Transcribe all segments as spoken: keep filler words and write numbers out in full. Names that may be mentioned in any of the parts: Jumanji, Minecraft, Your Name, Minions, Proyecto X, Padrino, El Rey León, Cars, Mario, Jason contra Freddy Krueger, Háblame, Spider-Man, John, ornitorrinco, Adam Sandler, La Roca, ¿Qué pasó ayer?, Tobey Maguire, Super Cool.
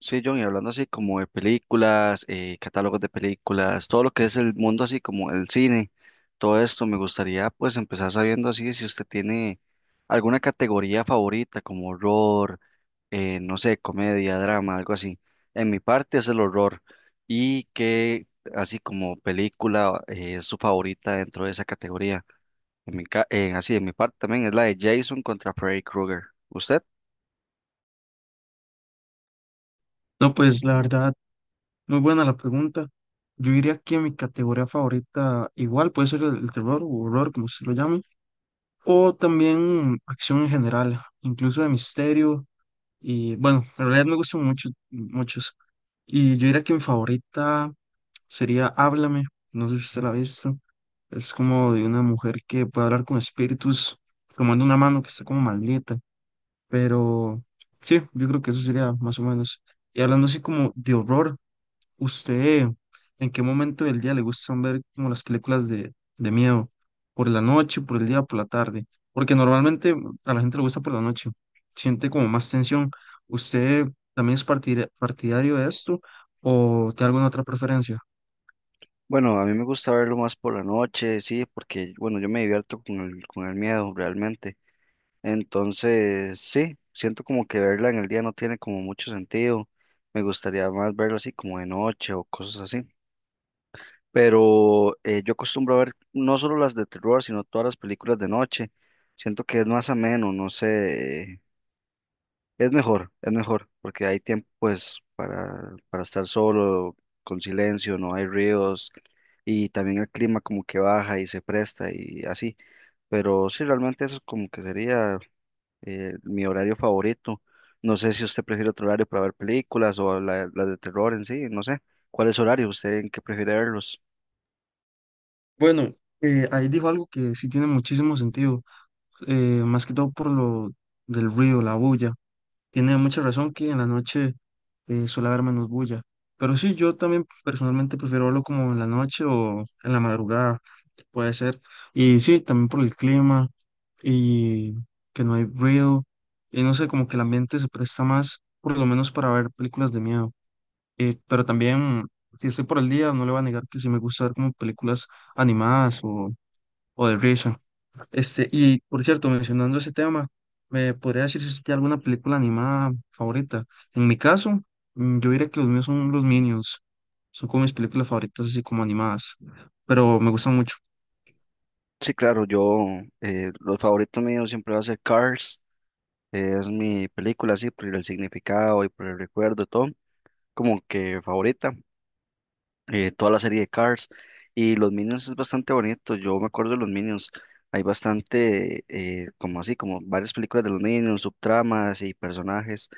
Sí, John, y hablando así como de películas, eh, catálogos de películas, todo lo que es el mundo así como el cine, todo esto me gustaría pues empezar sabiendo así si usted tiene alguna categoría favorita como horror, eh, no sé, comedia, drama, algo así. En mi parte es el horror y que así como película eh, es su favorita dentro de esa categoría. En mi ca- eh, así en mi parte también es la de Jason contra Freddy Krueger. ¿Usted? No, pues la verdad, muy buena la pregunta. Yo diría que mi categoría favorita igual puede ser el, el terror o horror, como se lo llame, o también acción en general, incluso de misterio. Y bueno, en realidad me gustan mucho, muchos. Y yo diría que mi favorita sería Háblame, no sé si usted la ha visto. Es como de una mujer que puede hablar con espíritus, tomando una mano que está como maldita. Pero sí, yo creo que eso sería más o menos. Y hablando así como de horror, ¿usted en qué momento del día le gustan ver como las películas de, de miedo? ¿Por la noche, por el día, por la tarde? Porque normalmente a la gente le gusta por la noche, siente como más tensión. ¿Usted también es partida- partidario de esto o tiene alguna otra preferencia? Bueno, a mí me gusta verlo más por la noche, sí, porque, bueno, yo me divierto con el, con el miedo realmente. Entonces, sí, siento como que verla en el día no tiene como mucho sentido. Me gustaría más verlo así como de noche o cosas así. Pero eh, yo acostumbro a ver no solo las de terror, sino todas las películas de noche. Siento que es más ameno, no sé, es mejor, es mejor, porque hay tiempo pues para, para estar solo, con silencio, no hay ríos y también el clima como que baja y se presta y así. Pero sí, realmente eso como que sería eh, mi horario favorito. No sé si usted prefiere otro horario para ver películas o la- las de terror en sí, no sé. ¿Cuál es su horario? ¿Usted en qué prefiere verlos? Bueno, eh, ahí dijo algo que sí tiene muchísimo sentido, eh, más que todo por lo del ruido, la bulla. Tiene mucha razón que en la noche eh, suele haber menos bulla. Pero sí, yo también personalmente prefiero verlo como en la noche o en la madrugada, puede ser. Y sí, también por el clima y que no hay ruido. Y no sé, como que el ambiente se presta más, por lo menos para ver películas de miedo. Eh, pero también, si estoy por el día, no le voy a negar que sí me gusta ver como películas animadas o, o de risa. Este, y por cierto, mencionando ese tema, ¿me podría decir si usted tiene alguna película animada favorita? En mi caso, mm, yo diría que los míos son los Minions. Son como mis películas favoritas, así como animadas, pero me gustan mucho. Sí, claro, yo, eh, los favoritos míos siempre va a ser Cars, eh, es mi película así, por el significado y por el recuerdo y todo. Como que favorita, eh, toda la serie de Cars y los Minions es bastante bonito, yo me acuerdo de los Minions, hay bastante, eh, como así, como varias películas de los Minions, subtramas y personajes,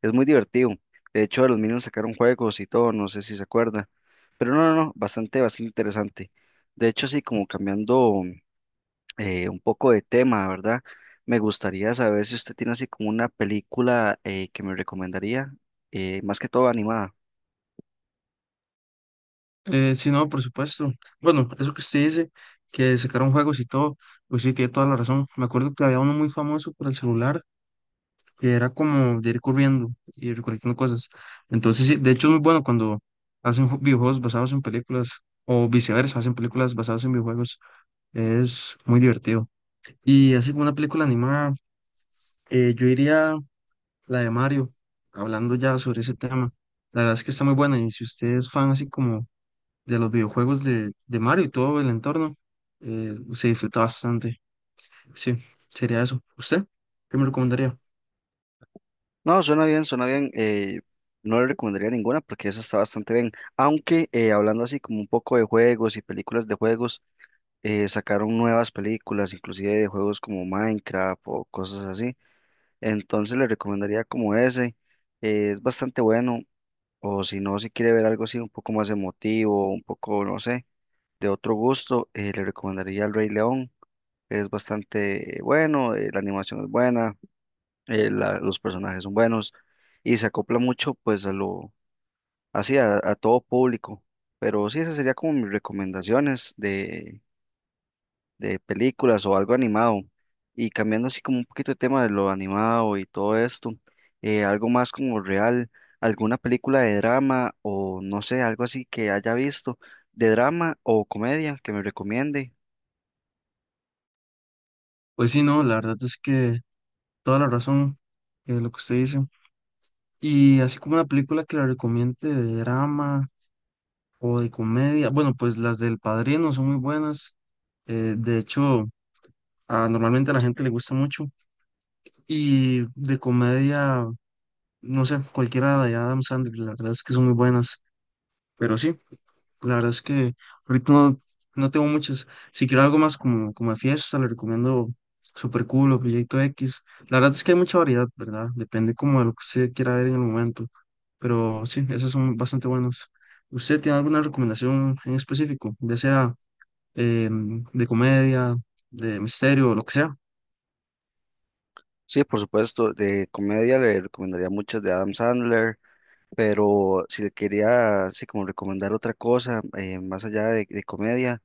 es muy divertido, de hecho de los Minions sacaron juegos y todo, no sé si se acuerda, pero no, no, no, bastante, bastante interesante, de hecho así como cambiando eh, un poco de tema, ¿verdad? Me gustaría saber si usted tiene así como una película eh, que me recomendaría, eh, más que todo animada. Eh, sí, no, por supuesto. Bueno, eso que usted dice, que sacaron juegos y todo, pues sí, tiene toda la razón. Me acuerdo que había uno muy famoso por el celular, que era como de ir corriendo y recolectando cosas. Entonces, sí, de hecho es muy bueno cuando hacen ju- videojuegos basados en películas o viceversa, hacen películas basadas en videojuegos. Es muy divertido. Y así como una película animada, eh, yo diría la de Mario, hablando ya sobre ese tema. La verdad es que está muy buena y si usted es fan así como de los videojuegos de, de Mario y todo el entorno, eh, se disfruta bastante. Sí, sería eso. ¿Usted? ¿Qué me recomendaría? No, suena bien, suena bien. eh, no le recomendaría ninguna porque esa está bastante bien. Aunque eh, hablando así como un poco de juegos y películas de juegos, eh, sacaron nuevas películas, inclusive de juegos como Minecraft o cosas así. Entonces le recomendaría como ese. eh, es bastante bueno. O si no, si quiere ver algo así un poco más emotivo, un poco, no sé, de otro gusto, eh, le recomendaría El Rey León. Es bastante bueno, eh, la animación es buena eh, la- los personajes son buenos y se acopla mucho pues a lo, así a, a todo público. Pero sí, esas serían como mis recomendaciones de, de películas o algo animado. Y cambiando así como un poquito de tema de lo animado y todo esto, eh, algo más como real, alguna película de drama o no sé, algo así que haya visto de drama o comedia que me recomiende. Pues sí, no, la verdad es que toda la razón de lo que usted dice. Y así como una película que la recomiende de drama o de comedia, bueno, pues las del Padrino son muy buenas. eh, de hecho, a- normalmente a la gente le gusta mucho. Y de comedia, no sé, cualquiera de Adam Sandler, la verdad es que son muy buenas. Pero sí. La verdad es que ahorita no, no tengo muchas. Si quiero algo más como, como de fiesta, le recomiendo Super Cool o Proyecto X. La verdad es que hay mucha variedad, ¿verdad? Depende como de lo que usted quiera ver en el momento. Pero sí, esas son bastante buenas. ¿Usted tiene alguna recomendación en específico, ya sea em, de comedia, de misterio o lo que sea? Sí, por supuesto, de comedia le recomendaría muchas de Adam Sandler, pero si le quería así como recomendar otra cosa, eh, más allá de, de comedia,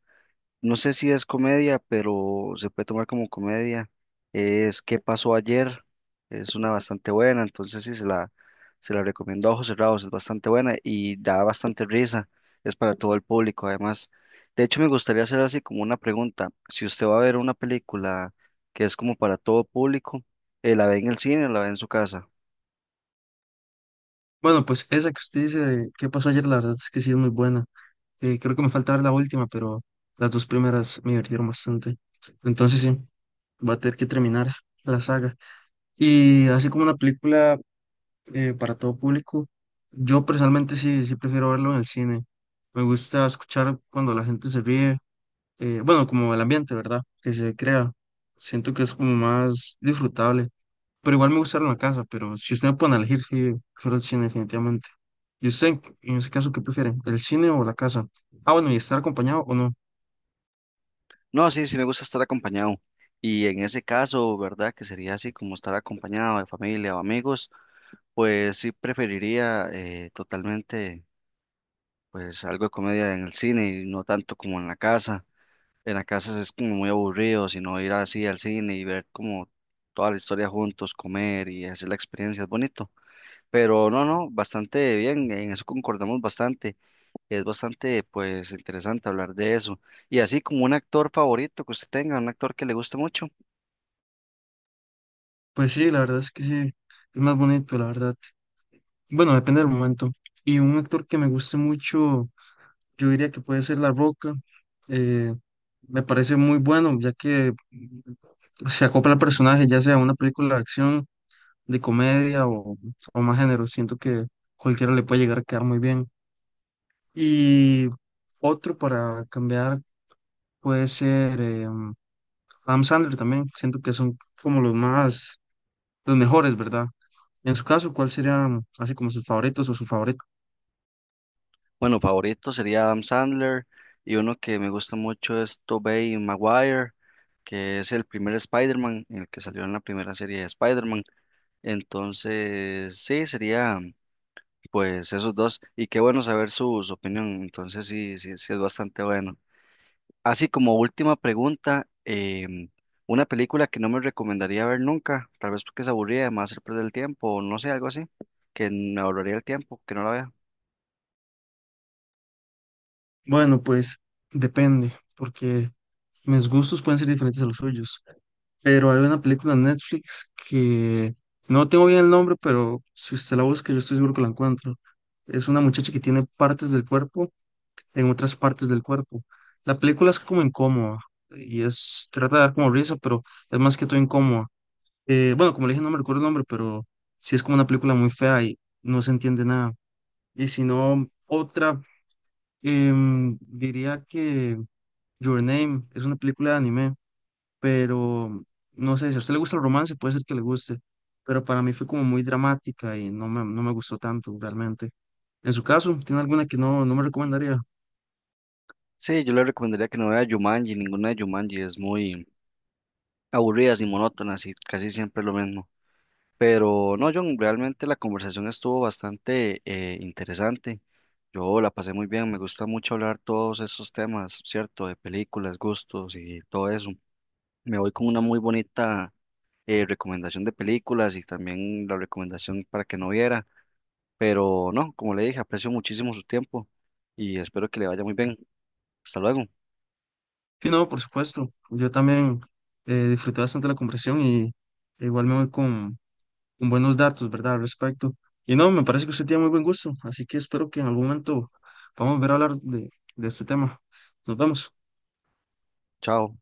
no sé si es comedia, pero se puede tomar como comedia, es ¿Qué pasó ayer? Es una bastante buena, entonces sí se la, se la recomiendo a ojos cerrados, es bastante buena y da bastante risa, es para todo el público además. De hecho, me gustaría hacer así como una pregunta, si usted va a ver una película que es como para todo público, eh, ¿la ve en el cine o la ve en su casa? Bueno, pues esa que usted dice de qué pasó ayer, la verdad es que sí es muy buena. Eh, creo que me falta ver la última, pero las dos primeras me divirtieron bastante. Entonces sí, va a tener que terminar la saga. Y así como una película eh, para todo público, yo personalmente sí, sí prefiero verlo en el cine. Me gusta escuchar cuando la gente se ríe. Eh, bueno, como el ambiente, ¿verdad? Que se crea. Siento que es como más disfrutable. Pero igual me gusta verlo en la casa, pero si usted me pone a elegir, sí, prefiero el cine definitivamente. ¿Y usted, en ese caso, qué prefiere? ¿El cine o la casa? Ah, bueno, y estar acompañado o no. No, sí, sí me gusta estar acompañado. Y en ese caso, ¿verdad? Que sería así como estar acompañado de familia o amigos, pues sí preferiría eh, totalmente pues algo de comedia en el cine y no tanto como en la casa. En la casa es como muy aburrido, sino ir así al cine y ver como toda la historia juntos, comer y hacer la experiencia, es bonito. Pero no, no, bastante bien, en eso concordamos bastante. Es bastante pues interesante hablar de eso. Y así como un actor favorito que usted tenga, un actor que le guste mucho. Pues sí, la verdad es que sí, es más bonito, la verdad. Bueno, depende del momento. Y un actor que me guste mucho, yo diría que puede ser La Roca. eh, me parece muy bueno, ya que se acopla al personaje, ya sea una película de acción, de comedia o, o más género. Siento que cualquiera le puede llegar a quedar muy bien. Y otro para cambiar puede ser eh, Adam Sandler también. Siento que son como los más, los mejores, ¿verdad? En su caso, ¿cuál serían así como sus favoritos o su favorito? Bueno, favorito sería Adam Sandler y uno que me gusta mucho es Tobey Maguire, que es el primer Spider-Man, el que salió en la primera serie de Spider-Man. Entonces, sí, sería pues esos dos. Y qué bueno saber su, su opinión. Entonces, sí, sí, sí es bastante bueno. Así como última pregunta, em, una película que no me recomendaría ver nunca, tal vez porque es aburrida, además hacer perder el tiempo o no sé, algo así, que me ahorraría el tiempo, que no la vea. Bueno, pues depende, porque mis gustos pueden ser diferentes a los suyos. Pero hay una película en Netflix que no tengo bien el nombre, pero si usted la busca, yo estoy seguro que la encuentro. Es una muchacha que tiene partes del cuerpo en otras partes del cuerpo. La película es como incómoda y es, trata de dar como risa, pero es más que todo incómoda. Eh, bueno, como le dije, no me recuerdo el nombre, pero sí es como una película muy fea y no se entiende nada. Y si no, otra, em, diría que Your Name es una película de anime, pero no sé, si a usted le gusta el romance, puede ser que le guste, pero para mí fue como muy dramática y no me, no me gustó tanto realmente. En su caso, ¿tiene alguna que no, no me recomendaría? Sí, yo le recomendaría que no vea Jumanji, ninguna de Jumanji, es muy aburridas y monótonas y casi siempre es lo mismo. Pero no, John, realmente la conversación estuvo bastante eh, interesante. Yo la pasé muy bien, me gusta mucho hablar todos esos temas, ¿cierto? De películas, gustos y todo eso. Me voy con una muy bonita eh, recomendación de películas y también la recomendación para que no viera. Pero no, como le dije, aprecio muchísimo su tiempo y espero que le vaya muy bien. Hasta luego, Sí, no, por supuesto. Yo también eh, disfruté bastante la conversación y igual me voy con, con buenos datos, ¿verdad? Al respecto. Y no, me parece que usted tiene muy buen gusto, así que espero que en algún momento podamos ver a hablar de, de este tema. Nos vemos. chao.